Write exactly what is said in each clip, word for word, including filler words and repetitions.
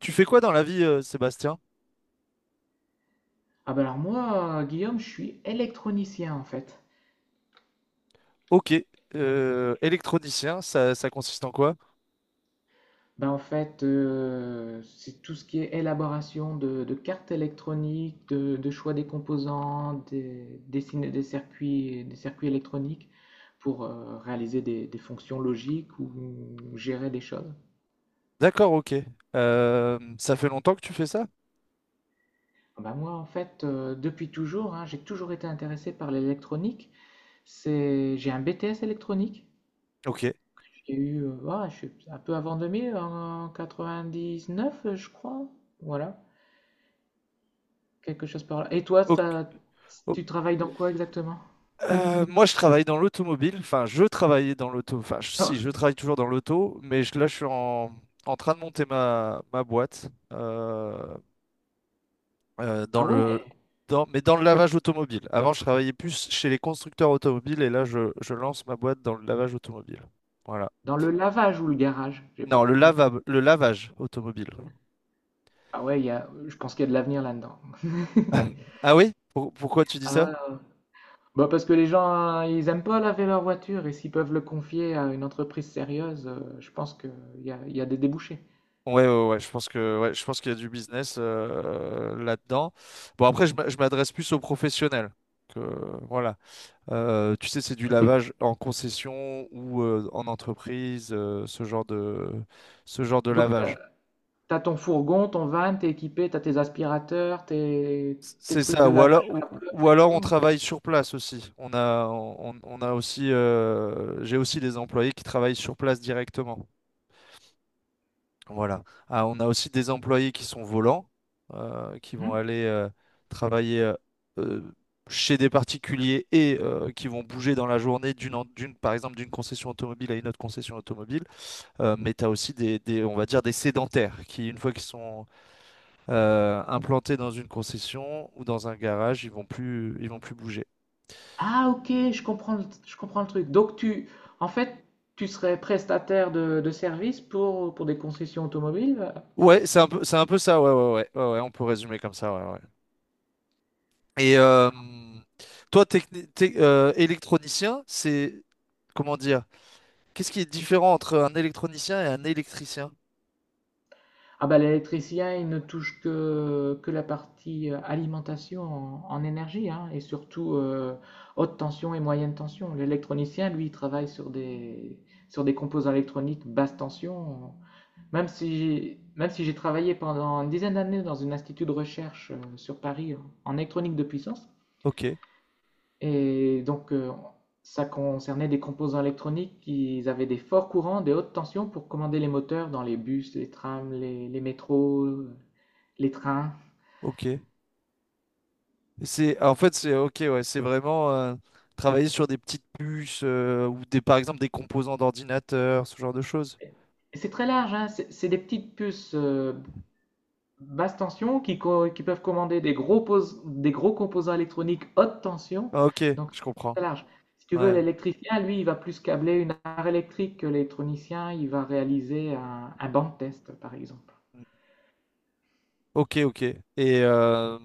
Tu fais quoi dans la vie, euh, Sébastien? Ah ben alors moi, euh, Guillaume, je suis électronicien en fait. Ok. Euh, électronicien, ça, ça consiste en quoi? Ben en fait, euh, c'est tout ce qui est élaboration de, de cartes électroniques, de, de choix des composants, des, dessiner des circuits, des circuits électroniques pour euh, réaliser des, des fonctions logiques ou gérer des choses. D'accord, ok. Euh, ça fait longtemps que tu fais ça? Ah bah moi en fait, euh, depuis toujours, hein, j'ai toujours été intéressé par l'électronique. C'est, j'ai un B T S électronique. Ok. J'ai eu, heu, ah, je suis un peu avant deux mille, en quatre-vingt-dix-neuf, je crois. Voilà, quelque chose par là. Et toi, Ok. ça o- tu travailles dans quoi exactement? Euh, moi, je travaille dans l'automobile. Enfin, je travaillais dans l'auto. Enfin, je- si, je travaille toujours dans l'auto, mais je- là, je suis en, en train de monter ma, ma boîte euh, euh, dans Ah ouais, le, dans, mais dans le lavage automobile. Avant, je travaillais plus chez les constructeurs automobiles et là, je, je lance ma boîte dans le lavage automobile. Voilà. dans le lavage ou le garage? J'ai pas Non, le compris. lava- le lavage automobile. Ah ouais, il y a je pense qu'il y a de l'avenir là-dedans. Ah oui? Pour- pourquoi tu dis Ah ouais, ça? ouais. Bah, parce que les gens, hein, ils aiment pas laver leur voiture et s'ils peuvent le confier à une entreprise sérieuse, heu, je pense qu'il y a il y a des débouchés. Ouais, ouais, ouais, je pense que, ouais, je pense qu'il y a du business euh, là-dedans. Bon, après, je m'a- je m'adresse plus aux professionnels. Que, voilà. Euh, tu sais, c'est du Et c'est lavage en concession ou euh, en entreprise, euh, ce genre de, ce genre de donc tu lavage. T'as ton fourgon, ton van, t'es équipé, t'as tes aspirateurs, tes, tes C'est trucs de ça. Ou alors, lavage de la ou, pleuve ou et alors, on tout. travaille sur place aussi. On a, on, on a aussi, euh, j'ai aussi des employés qui travaillent sur place directement. Voilà. Ah, on a aussi des employés qui sont volants, euh, qui vont Hmm. aller euh, travailler euh, euh, chez des particuliers et euh, qui vont bouger dans la journée d'une, en- d'une, par exemple, d'une concession automobile à une autre concession automobile. Euh, mais tu as aussi des, des- on va dire, des sédentaires qui, une fois qu'ils sont euh, implantés dans une concession ou dans un garage, ils vont plus, ils vont plus bouger. Ah ok, je comprends, le- je comprends le truc. Donc tu, en fait, tu serais prestataire de, de services pour, pour des concessions automobiles. Ouais, c'est un peu, c'est un peu ça. Ouais, ouais, ouais, ouais, ouais, on peut résumer comme ça. Ouais, ouais. Et euh, toi, techni- tec- euh, électronicien, c'est comment dire? Qu'est-ce qui est différent entre un électronicien et un électricien? Ah bah l'électricien, il ne touche que, que la partie euh, alimentation en, en énergie, hein, et surtout euh, haute tension et moyenne tension. L'électronicien, lui, il travaille sur des, sur des composants électroniques basse tension. Même si, j'ai, même si j'ai travaillé pendant une dizaine d'années dans un institut de recherche euh, sur Paris en en électronique de puissance, Ok, et donc euh, ça concernait des composants électroniques qui avaient des forts courants, des hautes tensions pour commander les moteurs dans les bus, les trams, les, les métros, les trains. ok. C'est en fait c'est ok ouais, c'est vraiment euh, travailler sur des petites puces euh, ou des par exemple des composants d'ordinateur, ce genre de choses. Et c'est très large, hein, c'est c'est des petites puces euh, basse tension qui, co- qui peuvent commander des gros, pos- des gros composants électroniques haute tension. Ah, ok, Donc, je c'est comprends. très large. Si tu veux, Ouais. l'électricien, lui, il va plus câbler une armoire électrique que l'électronicien, il va réaliser un, un banc de test, par exemple. Ok, ok. Et euh,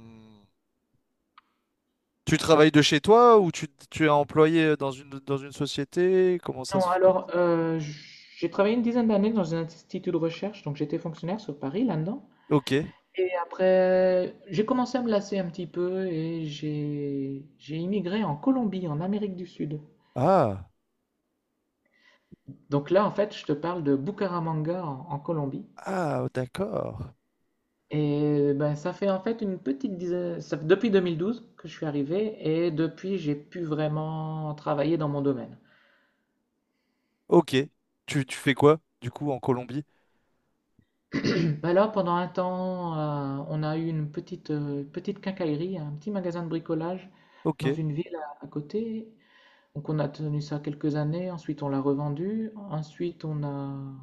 tu travailles de chez toi ou tu, tu es employé dans une dans une société? Comment ça Non, se fait? alors, euh, j'ai travaillé une dizaine d'années dans un institut de recherche, donc j'étais fonctionnaire sur Paris, là-dedans. Ok. Et après, j'ai commencé à me lasser un petit peu et j'ai j'ai immigré en Colombie, en Amérique du Sud. Ah. Donc là, en fait, je te parle de Bucaramanga en, en Colombie. Ah, oh, d'accord. Et ben, ça fait en fait une petite dizaine, ça fait depuis deux mille douze que je suis arrivé et depuis j'ai pu vraiment travailler dans mon domaine. Ok. Tu, tu fais quoi, du coup, en Colombie? Ben là, pendant un temps, euh, on a eu une petite, euh, petite quincaillerie, un petit magasin de bricolage dans Ok. une ville à, à côté. Donc on a tenu ça quelques années, ensuite on l'a revendu, ensuite on a,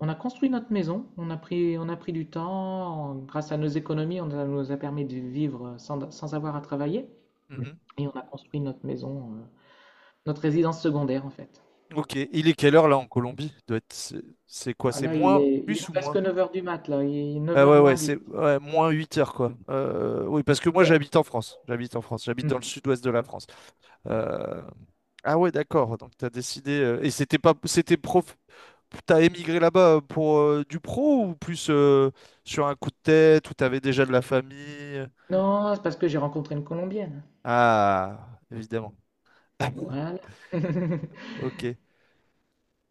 on a construit notre maison, on a pris, on a pris du temps, grâce à nos économies, on a- nous a permis de vivre sans, sans avoir à travailler. Mhm. Et on a construit notre maison euh, Notre résidence secondaire, en fait. Ok. Il est quelle heure là en Colombie? Doit être… C'est c'est quoi? Ah, C'est là, il moins est, il est plus ou presque moins? neuf heures du mat, là. Il est neuf Ah heures ouais, ouais, moins c'est dix. ouais, moins huit heures quoi. Euh, oui, parce que moi Ouais. j'habite en France. J'habite en France. J'habite dans le Mhm. sud-ouest de la France. Euh, Ah ouais, d'accord. Donc t'as décidé. euh, Et c'était pas c'était prof. T'as émigré là-bas euh, pour euh, du pro ou plus euh, sur un coup de tête où t'avais déjà de la famille? Non, c'est parce que j'ai rencontré une Colombienne. Ah, évidemment. Voilà. Ok.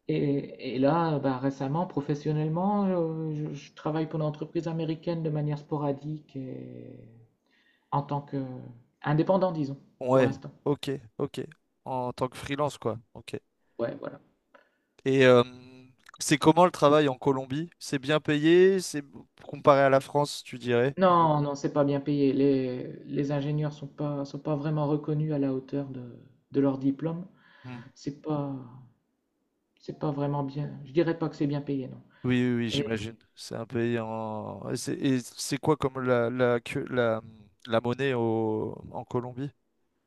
Et, et là, bah, récemment, professionnellement, euh, je, je travaille pour une entreprise américaine de manière sporadique et en tant que indépendant, disons, pour Ouais. l'instant. Ok. Ok. En tant que freelance, quoi. Ok. Ouais, voilà. Et euh, c'est comment le travail en Colombie? C'est bien payé? C'est comparé à la France, tu dirais? Non, non, c'est pas bien payé. Les, les ingénieurs sont pas, sont pas vraiment reconnus à la hauteur de, de leur diplôme. Hmm. C'est pas, C'est pas vraiment bien. Je dirais pas que c'est bien payé, non. Oui, oui, oui, Et j'imagine. C'est un pays en. Et c'est et c'est quoi comme la, la, que- la, la monnaie au, en Colombie?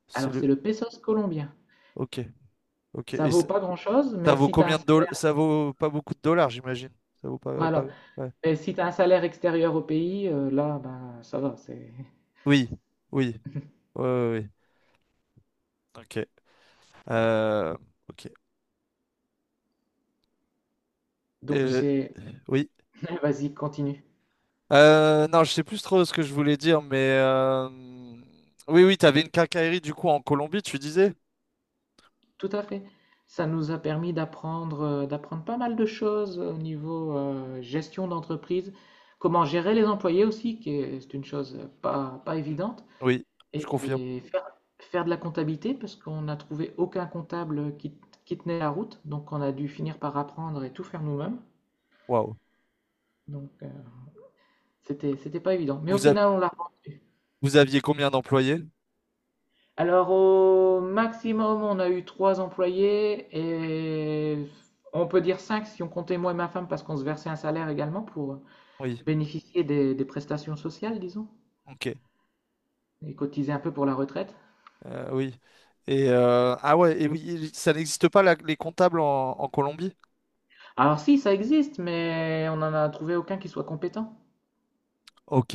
C'est alors, le. c'est le pesos colombien. Ok. Ok. Ça Et vaut c'est- pas grand-chose, ça mais vaut si tu as un combien de dollars? salaire, Ça vaut pas beaucoup de dollars, j'imagine. Ça vaut pas. Pas- voilà. ouais. Mais si t'as un salaire extérieur au pays, euh, là, ben, ça va. C'est. Oui. Oui. Oui. Oui. Ok. Euh, ok. Donc, Euh, c'est. oui. Vas-y, continue. Euh, non, je sais plus trop ce que je voulais dire, mais euh, oui, oui, t'avais une quincaillerie du coup en Colombie, tu disais? Tout à fait. Ça nous a permis d'apprendre, euh, d'apprendre pas mal de choses au niveau euh, gestion d'entreprise, comment gérer les employés aussi, qui est, c'est une chose pas, pas Mm. évidente. Oui, je confirme. Et faire faire de la comptabilité parce qu'on n'a trouvé aucun comptable qui, qui tenait la route, donc on a dû finir par apprendre et tout faire nous-mêmes. Waouh. Donc euh, c'était c'était pas évident, mais au Vous a- final on l'a rendu. Vous aviez combien d'employés? Alors au maximum on a eu trois employés et on peut dire cinq si on comptait moi et ma femme parce qu'on se versait un salaire également pour Oui, bénéficier des, des prestations sociales, disons, ok. et cotiser un peu pour la retraite. Euh, oui. Et euh, ah ouais, et oui, ça n'existe pas la- les comptables en, en Colombie? Alors si ça existe, mais on n'en a trouvé aucun qui soit compétent. Ok.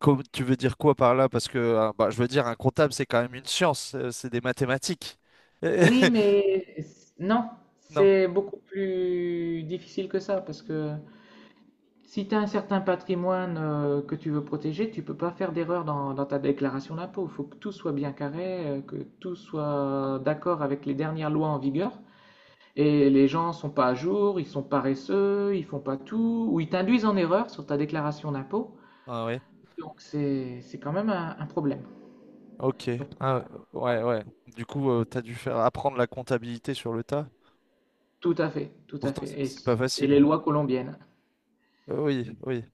Co- tu veux dire quoi par là? Parce que euh, bah, je veux dire, un comptable, c'est quand même une science, euh, c'est des mathématiques. Oui, mais s- non, Non? c'est beaucoup plus difficile que ça parce que si tu as un certain patrimoine euh, que tu veux protéger, tu peux pas faire d'erreur dans, dans ta déclaration d'impôt. Il faut que tout soit bien carré, euh, que tout soit d'accord avec les dernières lois en vigueur. Et les gens sont pas à jour, ils sont paresseux, ils font pas tout, ou ils t'induisent en erreur sur ta déclaration d'impôt. Ah ouais, Donc c'est c'est quand même un, un problème. ok. Donc Ah ouais, ouais, ouais. Du coup, euh, t'as dû faire apprendre la comptabilité sur le tas. tout à fait, tout à Pourtant, fait. c'est Et, c'est pas s- et facile. les lois colombiennes. Euh, oui, oui.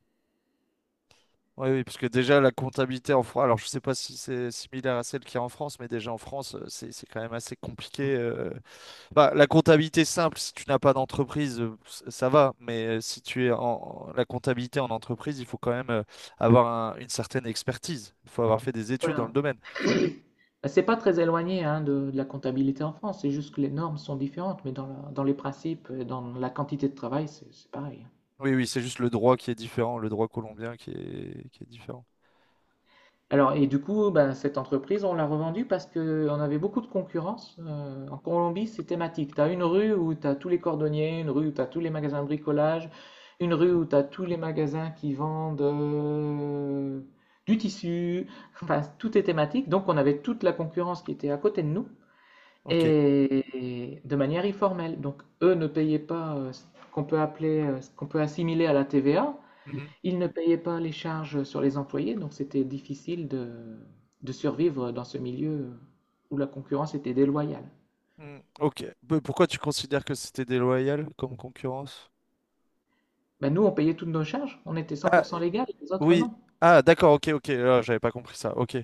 Oui, oui, parce que déjà, la comptabilité en France, alors je sais pas si c'est similaire à celle qu'il y a en France, mais déjà en France, euh, c'est c'est quand même assez compliqué. euh, Bah, la comptabilité simple, si tu n'as pas d'entreprise, euh, c- ça va. Mais euh, si tu es en en- la comptabilité en entreprise, il faut quand même euh, avoir un- une certaine expertise. Il faut avoir fait des études dans Voilà. le domaine. Ben, C'est pas très éloigné hein, de, de la comptabilité en France, c'est juste que les normes sont différentes, mais dans, la- dans les principes, et dans la quantité de travail, c'est c'est pareil. Oui, oui, c'est juste le droit qui est différent, le droit colombien qui est, qui est différent. Alors, et du coup, ben, cette entreprise, on l'a revendue parce qu'on avait beaucoup de concurrence. Euh, en Colombie, c'est thématique. Tu as une rue où tu as tous les cordonniers, une rue où tu as tous les magasins de bricolage, une rue où tu as tous les magasins qui vendent euh, du tissu. Enfin, tout est thématique. Donc, on avait toute la concurrence qui était à côté de nous. Ok. Et de manière informelle. Donc, eux ne payaient pas euh, ce qu'on peut appeler, euh, ce qu'on peut assimiler à la T V A. Mhm. Ils ne payaient pas les charges sur les employés, donc c'était difficile de, de survivre dans ce milieu où la concurrence était déloyale. Mm, ok. Peu- Pourquoi tu considères que c'était déloyal comme concurrence? Ben, nous, on payait toutes nos charges, on était Ah, cent pour cent légal, les autres oui. non. Ah, d'accord, ok, ok. Ah, j'avais pas compris ça. Ok.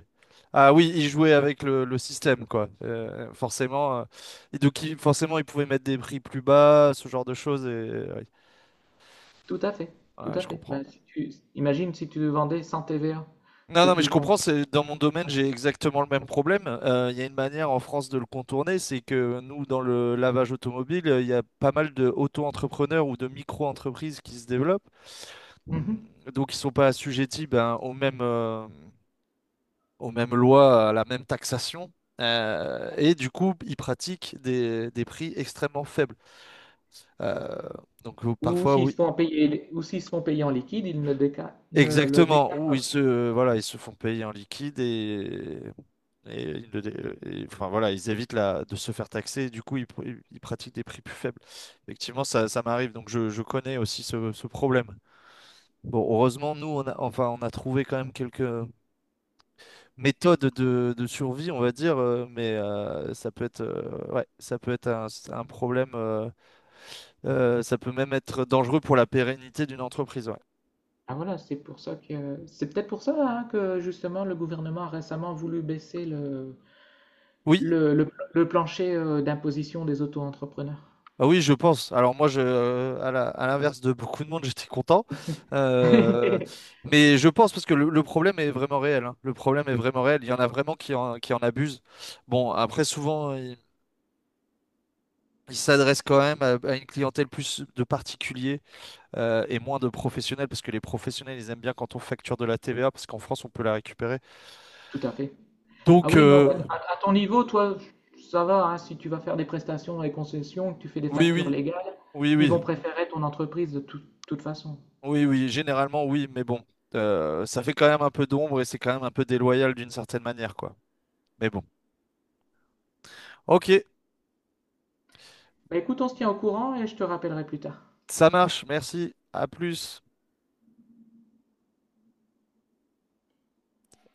Ah oui, il jouait avec le, le système, quoi. Euh, forcément, euh, et donc il- forcément, il pouvait mettre des prix plus bas, ce genre de choses. Et oui. Tout à fait, tout Ouais, à je fait. Ben, comprends. si tu, imagine si tu vendais sans T V A, Non, t'es non, mais je plus con. comprends. C'est dans mon domaine, j'ai exactement le même problème. Euh, Il y a une manière en France de le contourner, c'est que nous, dans le lavage automobile, euh, il y a pas mal de auto-entrepreneurs ou de micro-entreprises qui se développent. Mm. Mhm. Donc ils sont pas assujettis ben, aux mêmes aux mêmes lois, à la même taxation. Euh, et du coup, ils pratiquent des, des prix extrêmement faibles. Euh, donc euh, Ou Parfois, s'ils oui. se font payer, ou s'ils se font payer en liquide, ils ne le déclarent, ils ne le Exactement, déclarent où ils pas. se, euh, voilà, ils se font payer en liquide et, et ils ne dé- et- enfin, voilà, ils évitent la, de se faire taxer et du coup, ils, pr- ils- ils pratiquent des prix plus faibles. Effectivement, ça, ça m'arrive, donc je, je connais aussi ce, ce problème. Bon, heureusement, nous, on a, enfin, on a trouvé quand même quelques, méthode de, de survie, on va dire, euh, mais euh, ça peut être, euh, ouais, ça peut être un, un problème, euh, euh, ça peut même être dangereux pour la pérennité d'une entreprise. Ouais. Ah voilà, c'est pour ça que c'est peut-être pour ça hein, que justement le gouvernement a récemment voulu baisser le, Oui, le, le- le plancher euh, d'imposition des auto-entrepreneurs. ah oui, je pense. Alors moi, je, euh, à la- à l'inverse de beaucoup de monde, j'étais content. Euh, mais je pense parce que le, le problème est vraiment réel. Hein. Le problème est vraiment réel. Il y en a vraiment qui en, qui en abusent. Bon, après, souvent, ils ils s'adressent quand même à, à une clientèle plus de particuliers. Euh, et moins de professionnels, parce que les professionnels, ils aiment bien quand on facture de la T V A, parce qu'en France, on peut la récupérer. Tout à fait. Ah Donc, oui, non, bah, euh, à, à ton niveau, toi, ça va, hein, si tu vas faire des prestations et concessions, que tu fais des oui, factures oui, légales, oui, ils vont oui, préférer ton entreprise de tout- toute façon. oui, oui, généralement, oui, mais bon, euh, ça fait quand même un peu d'ombre et c'est quand même un peu déloyal d'une certaine manière, quoi. Mais bon, ok, Bah écoute, on se tient au courant et je te rappellerai plus tard. ça marche, merci, à plus.